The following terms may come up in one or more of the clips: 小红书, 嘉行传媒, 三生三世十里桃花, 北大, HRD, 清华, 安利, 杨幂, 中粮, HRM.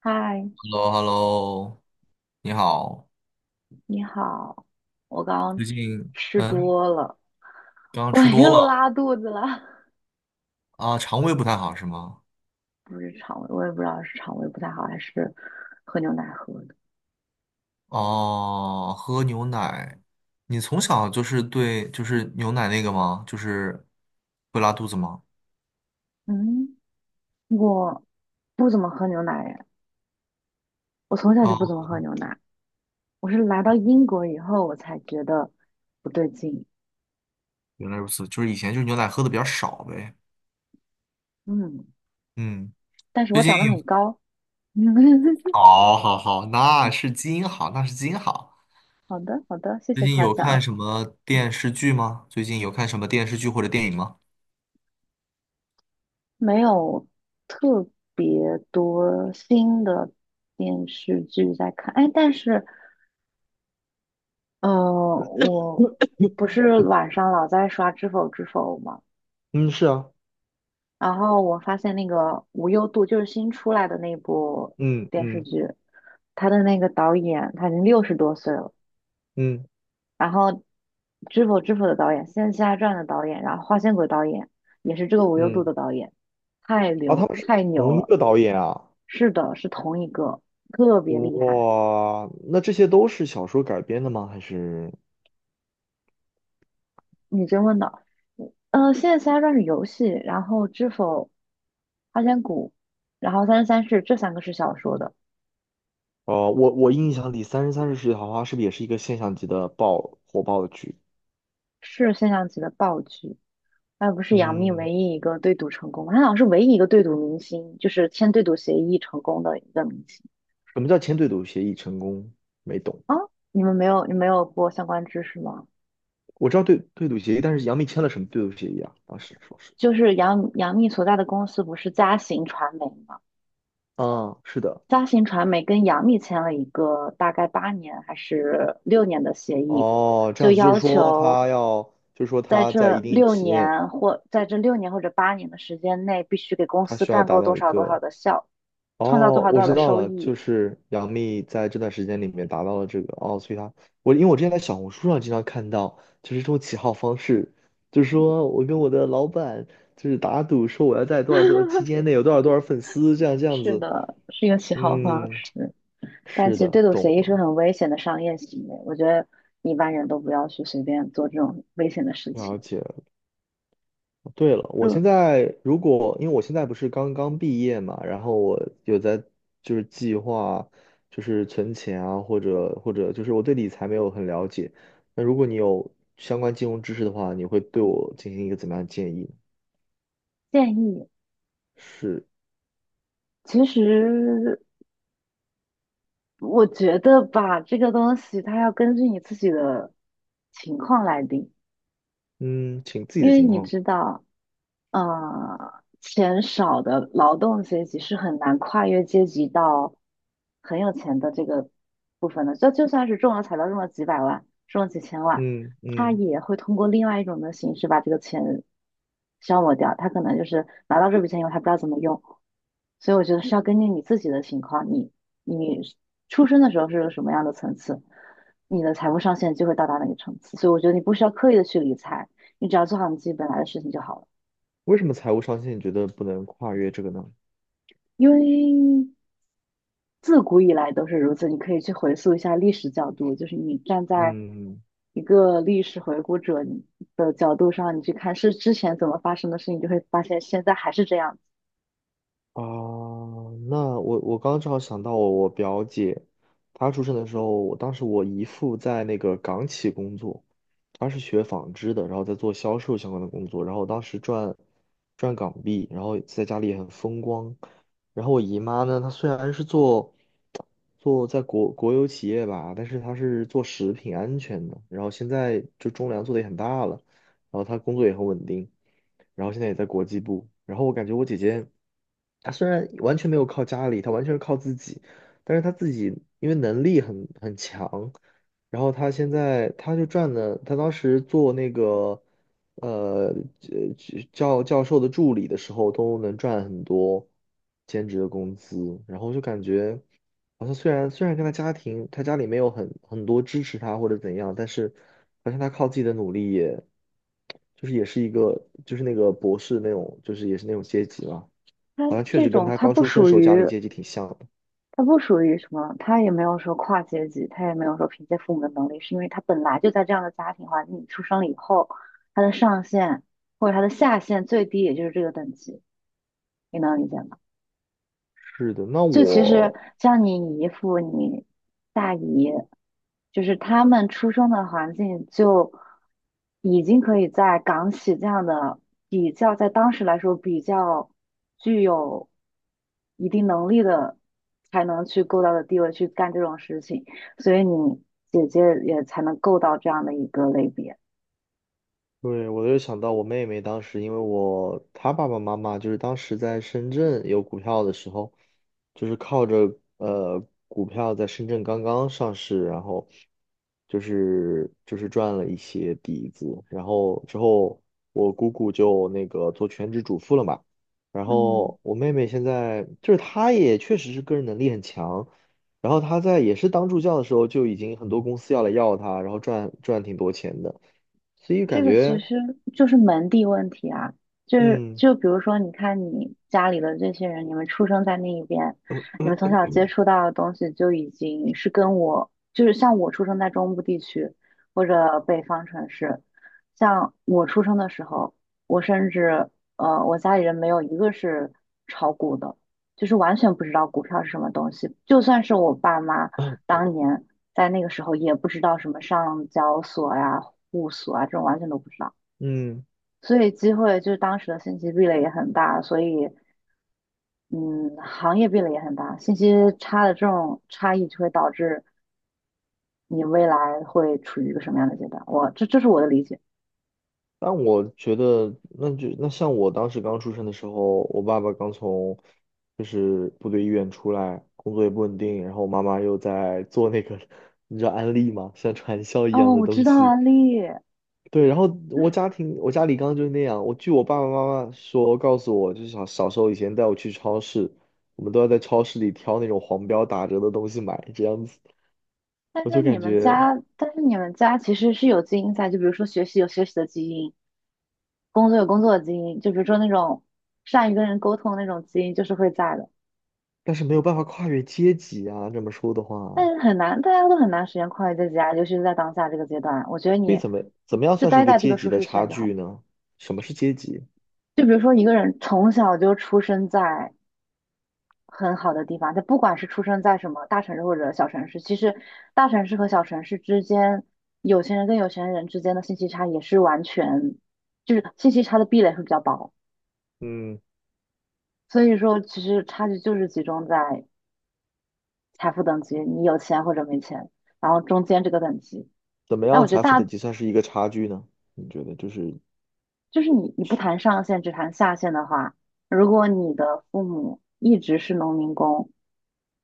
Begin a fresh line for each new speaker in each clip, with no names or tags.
嗨，
h e l l o h e l l o 你好，
你好，我刚刚
最近。
吃
嗯，
多了，
刚 刚
我
吃多
又
了。
拉肚子了。
啊，肠胃不太好是吗？
不是肠胃，我也不知道是肠胃不太好，还是喝牛奶喝的。
哦，喝牛奶，你从小就是牛奶那个吗？就是会拉肚子吗？
嗯，我不怎么喝牛奶耶，我从小就不怎
哦，
么喝牛奶。我是来到英国以后，我才觉得不对劲。
原来如此，就是以前就是牛奶喝的比较少呗。
嗯，
嗯，
但是我
最
长
近
得很高。
好，好，好，那是基因好，那是基因好。
好的，好的，谢
最
谢
近
夸
有看
奖。
什么电视剧吗？最近有看什么电视剧或者电影吗？
没有特别多新的电视剧在看，哎，但是嗯，我不是晚上老在刷《知否知否》嘛，
嗯，是啊，
然后我发现那个无忧渡就是新出来的那部
嗯
电视
嗯
剧，他的那个导演他已经60多岁了，
嗯
然后《知否知否》的导演，《仙侠传》的导演，然后《花千骨》的导演也是这个无忧渡
嗯。
的导演，太
啊，他
牛
们是
太牛
同一
了。
个导演啊！
是的，是同一个，特别厉害。
哇，那这些都是小说改编的吗？还是
你真问道："嗯，《现在《仙侠传》是游戏，然后知否《花千骨》，然后《三生三世》这三个是小说的，
我印象里《三生三世十里桃花》是不是也是一个现象级的爆火爆的剧？
是现象级的爆剧。那不是杨幂
嗯，
唯一一个对赌成功吗？她好像是唯一一个对赌明星，就是签对赌协议成功的一个明星
什么叫签对赌协议成功？没懂。
啊！你没有过相关知识吗？
我知道对赌协议，但是杨幂签了什么对赌协议啊？当时说是，
就是杨幂所在的公司不是嘉行传媒吗？
嗯，是的。
嘉行传媒跟杨幂签了一个大概八年还是六年的协议，
哦，这
就
样子就是
要
说
求
他要，就是说他在一定期限，
在这六年或者八年的时间内，必须给公
他
司
需要
赚
达
够
到
多
一
少多少
个。
的效，创造多
哦，
少
我
多少
知
的
道
收
了，就
益。
是杨幂在这段时间里面达到了这个，哦，所以她。因为我之前在小红书上经常看到，就是这种起号方式，就是说我跟我的老板就是打赌说我要在多少多少期 间内有多少多少粉丝，这样这样
是
子，
的，是一个起号方
嗯，
式。但
是
其实
的，
对赌
懂
协议是个
了，
很危险的商业行为，我觉得一般人都不要去随便做这种危险的事情。
了解。对了，我现
就
在，如果因为我现在不是刚刚毕业嘛，然后我有在就是计划就是存钱啊，或者就是我对理财没有很了解。那如果你有相关金融知识的话，你会对我进行一个怎么样的建议呢？
建议，
是，
其实我觉得吧，这个东西它要根据你自己的情况来定，
嗯，请自己
因
的
为
情
你
况。
知道。啊，钱少的劳动阶级是很难跨越阶级到很有钱的这个部分的。就算是中了彩票中了几百万，中了几千万，
嗯
他
嗯。
也会通过另外一种的形式把这个钱消磨掉。他可能就是拿到这笔钱以后，他不知道怎么用。所以我觉得是要根据你自己的情况，你出生的时候是个什么样的层次，你的财富上限就会到达哪个层次。所以我觉得你不需要刻意的去理财，你只要做好你自己本来的事情就好了。
为什么财务上限你觉得不能跨越这个呢？
因为自古以来都是如此，你可以去回溯一下历史角度，就是你站在
嗯。嗯。
一个历史回顾者的角度上，你去看是之前怎么发生的事情，你就会发现现在还是这样子。
哦，那我刚刚正好想到我表姐，她出生的时候，我当时我姨父在那个港企工作，他是学纺织的，然后在做销售相关的工作，然后当时赚港币，然后在家里也很风光。然后我姨妈呢，她虽然是做在国有企业吧，但是他是做食品安全的，然后现在就中粮做的也很大了，然后他工作也很稳定，然后现在也在国际部，然后我感觉我姐姐，她虽然完全没有靠家里，她完全是靠自己，但是她自己因为能力很强，然后她现在她就赚了，她当时做那个呃呃教授的助理的时候都能赚很多兼职的工资，然后就感觉。好像虽然跟他家庭，他家里没有很多支持他或者怎样，但是好像他靠自己的努力也，就是也是一个就是那个博士那种，就是也是那种阶级嘛，
它
好像确
这
实跟
种，
他
它
刚
不
出生
属
时候家
于，
里阶级挺像的。
它不属于什么，它也没有说跨阶级，它也没有说凭借父母的能力，是因为他本来就在这样的家庭环境里出生了以后，他的上限或者他的下限最低也就是这个等级，你能理解吗？
是的，那
就其实
我。
像你姨父、你大姨，就是他们出生的环境就已经可以在港企这样的比较，在当时来说比较具有一定能力的，才能去够到的地位去干这种事情，所以你姐姐也才能够到这样的一个类别。
对，我就想到我妹妹当时，因为她爸爸妈妈就是当时在深圳有股票的时候，就是靠着股票在深圳刚刚上市，然后就是赚了一些底子，然后之后我姑姑就那个做全职主妇了嘛，然
嗯
后我妹妹现在就是她也确实是个人能力很强，然后她在也是当助教的时候就已经很多公司要来要她，然后赚挺多钱的。所以感
这个其
觉。
实就是门第问题啊，就是
嗯
就比如说，你看你家里的这些人，你们出生在那一边，你们从小接触到的东西就已经是跟我，就是像我出生在中部地区或者北方城市，像我出生的时候，我甚至呃，我家里人没有一个是炒股的，就是完全不知道股票是什么东西，就算是我爸妈。当年。在那个时候也不知道什么上交所呀、户所啊这种完全都不知道，
嗯。
所以机会就是当时的信息壁垒也很大，所以嗯，行业壁垒也很大，信息差的这种差异就会导致你未来会处于一个什么样的阶段？这是我的理解。
但我觉得，那像我当时刚出生的时候，我爸爸刚从就是部队医院出来，工作也不稳定，然后我妈妈又在做那个，你知道安利吗？像传销一样
哦，
的
我知
东
道啊，
西。
丽，
对，然后我家庭，我家里刚刚就是那样。我据我爸爸妈妈说，告诉我，就是小时候以前带我去超市，我们都要在超市里挑那种黄标打折的东西买，这样子。我就感觉，
但是你们家其实是有基因在，就比如说学习有学习的基因，工作有工作的基因，就比如说那种善于跟人沟通的那种基因，就是会在的。
但是没有办法跨越阶级啊，这么说的
但
话。
是很难，大家都很难实现跨越阶级啊，尤其是在当下这个阶段。我觉得
所以
你
怎么样
就
算是一
待
个
在这
阶
个
级
舒
的
适
差
圈就好。
距呢？什么是阶级？
就比如说一个人从小就出生在很好的地方，他不管是出生在什么大城市或者小城市，其实大城市和小城市之间，有钱人跟有钱人之间的信息差也是完全，就是信息差的壁垒会比较薄。
嗯，
所以说，其实差距就是集中在财富等级，你有钱或者没钱，然后中间这个等级。
怎么
但我
样
觉得
财富等
大
级算是一个差距呢？你觉得就是。
就是你不谈上限，只谈下限的话，如果你的父母一直是农民工，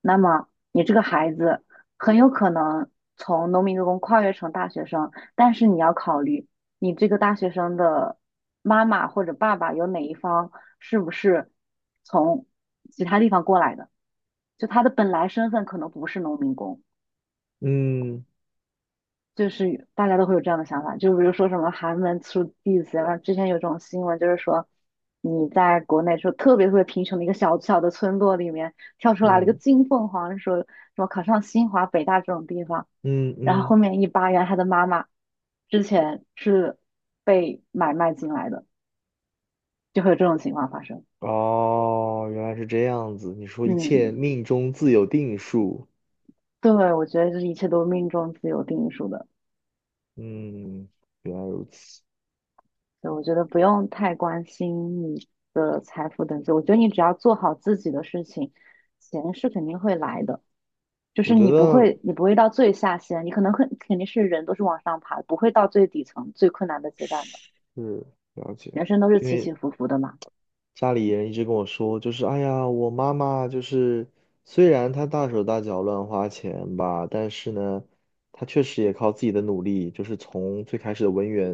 那么你这个孩子很有可能从农民工跨越成大学生，但是你要考虑你这个大学生的妈妈或者爸爸有哪一方是不是从其他地方过来的，就他的本来身份可能不是农民工。
嗯
就是大家都会有这样的想法，就比如说什么寒门出弟子，然后之前有这种新闻，就是说你在国内说特别特别贫穷的一个小小的村落里面跳出来了一个
嗯
金凤凰，说什么考上清华、北大这种地方，
嗯
然后后
嗯。
面一扒，原来他的妈妈之前是被买卖进来的，就会有这种情况发生。
哦，原来是这样子。你说一切
嗯，
命中自有定数，
对，我觉得这一切都是命中自有定数的。
嗯，原来如此。
对，我觉得不用太关心你的财富等级，我觉得你只要做好自己的事情，钱是肯定会来的。就
我
是
觉得
你不会到最下限，你可能会肯定是人都是往上爬，不会到最底层最困难的阶段的。
是。了解。
人生都是
因
起起
为
伏伏的嘛。
家里人一直跟我说，就是哎呀，我妈妈就是虽然她大手大脚乱花钱吧，但是呢，她确实也靠自己的努力，就是从最开始的文员，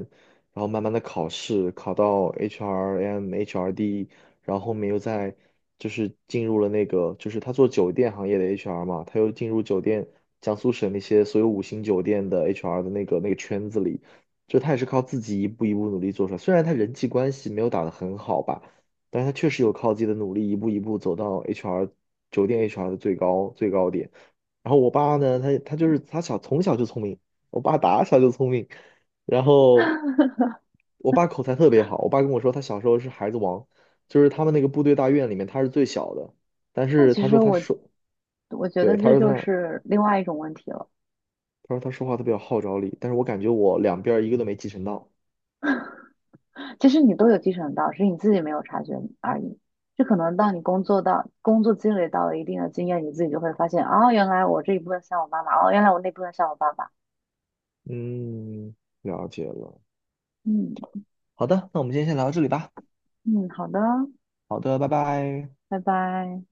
然后慢慢的考试，考到 HRM、HRD，然后后面又在就是进入了那个，就是她做酒店行业的 HR 嘛，她又进入酒店江苏省那些所有五星酒店的 HR 的那个圈子里。就她也是靠自己一步一步努力做出来，虽然她人际关系没有打得很好吧，但是他确实有靠自己的努力，一步一步走到 HR 酒店 HR 的最高最高点。然后我爸呢，他从小就聪明，我爸打小就聪明，然后 我爸口才特别好，我爸跟我说他小时候是孩子王，就是他们那个部队大院里面他是最小的，但
那
是
其
他
实
说他
我
说，
我觉
对，
得
他
这
说
就
他
是另外一种问题了。
他说他说话特别有号召力，但是我感觉我两边儿一个都没继承到。
其实你都有继承到，只是你自己没有察觉而已。就可能当你工作积累到了一定的经验，你自己就会发现，哦，原来我这一部分像我妈妈，哦，原来我那部分像我爸爸。
嗯，了解了。
嗯
好的，那我们今天先聊到这里吧。
嗯，好的，
好的，拜拜。
拜拜。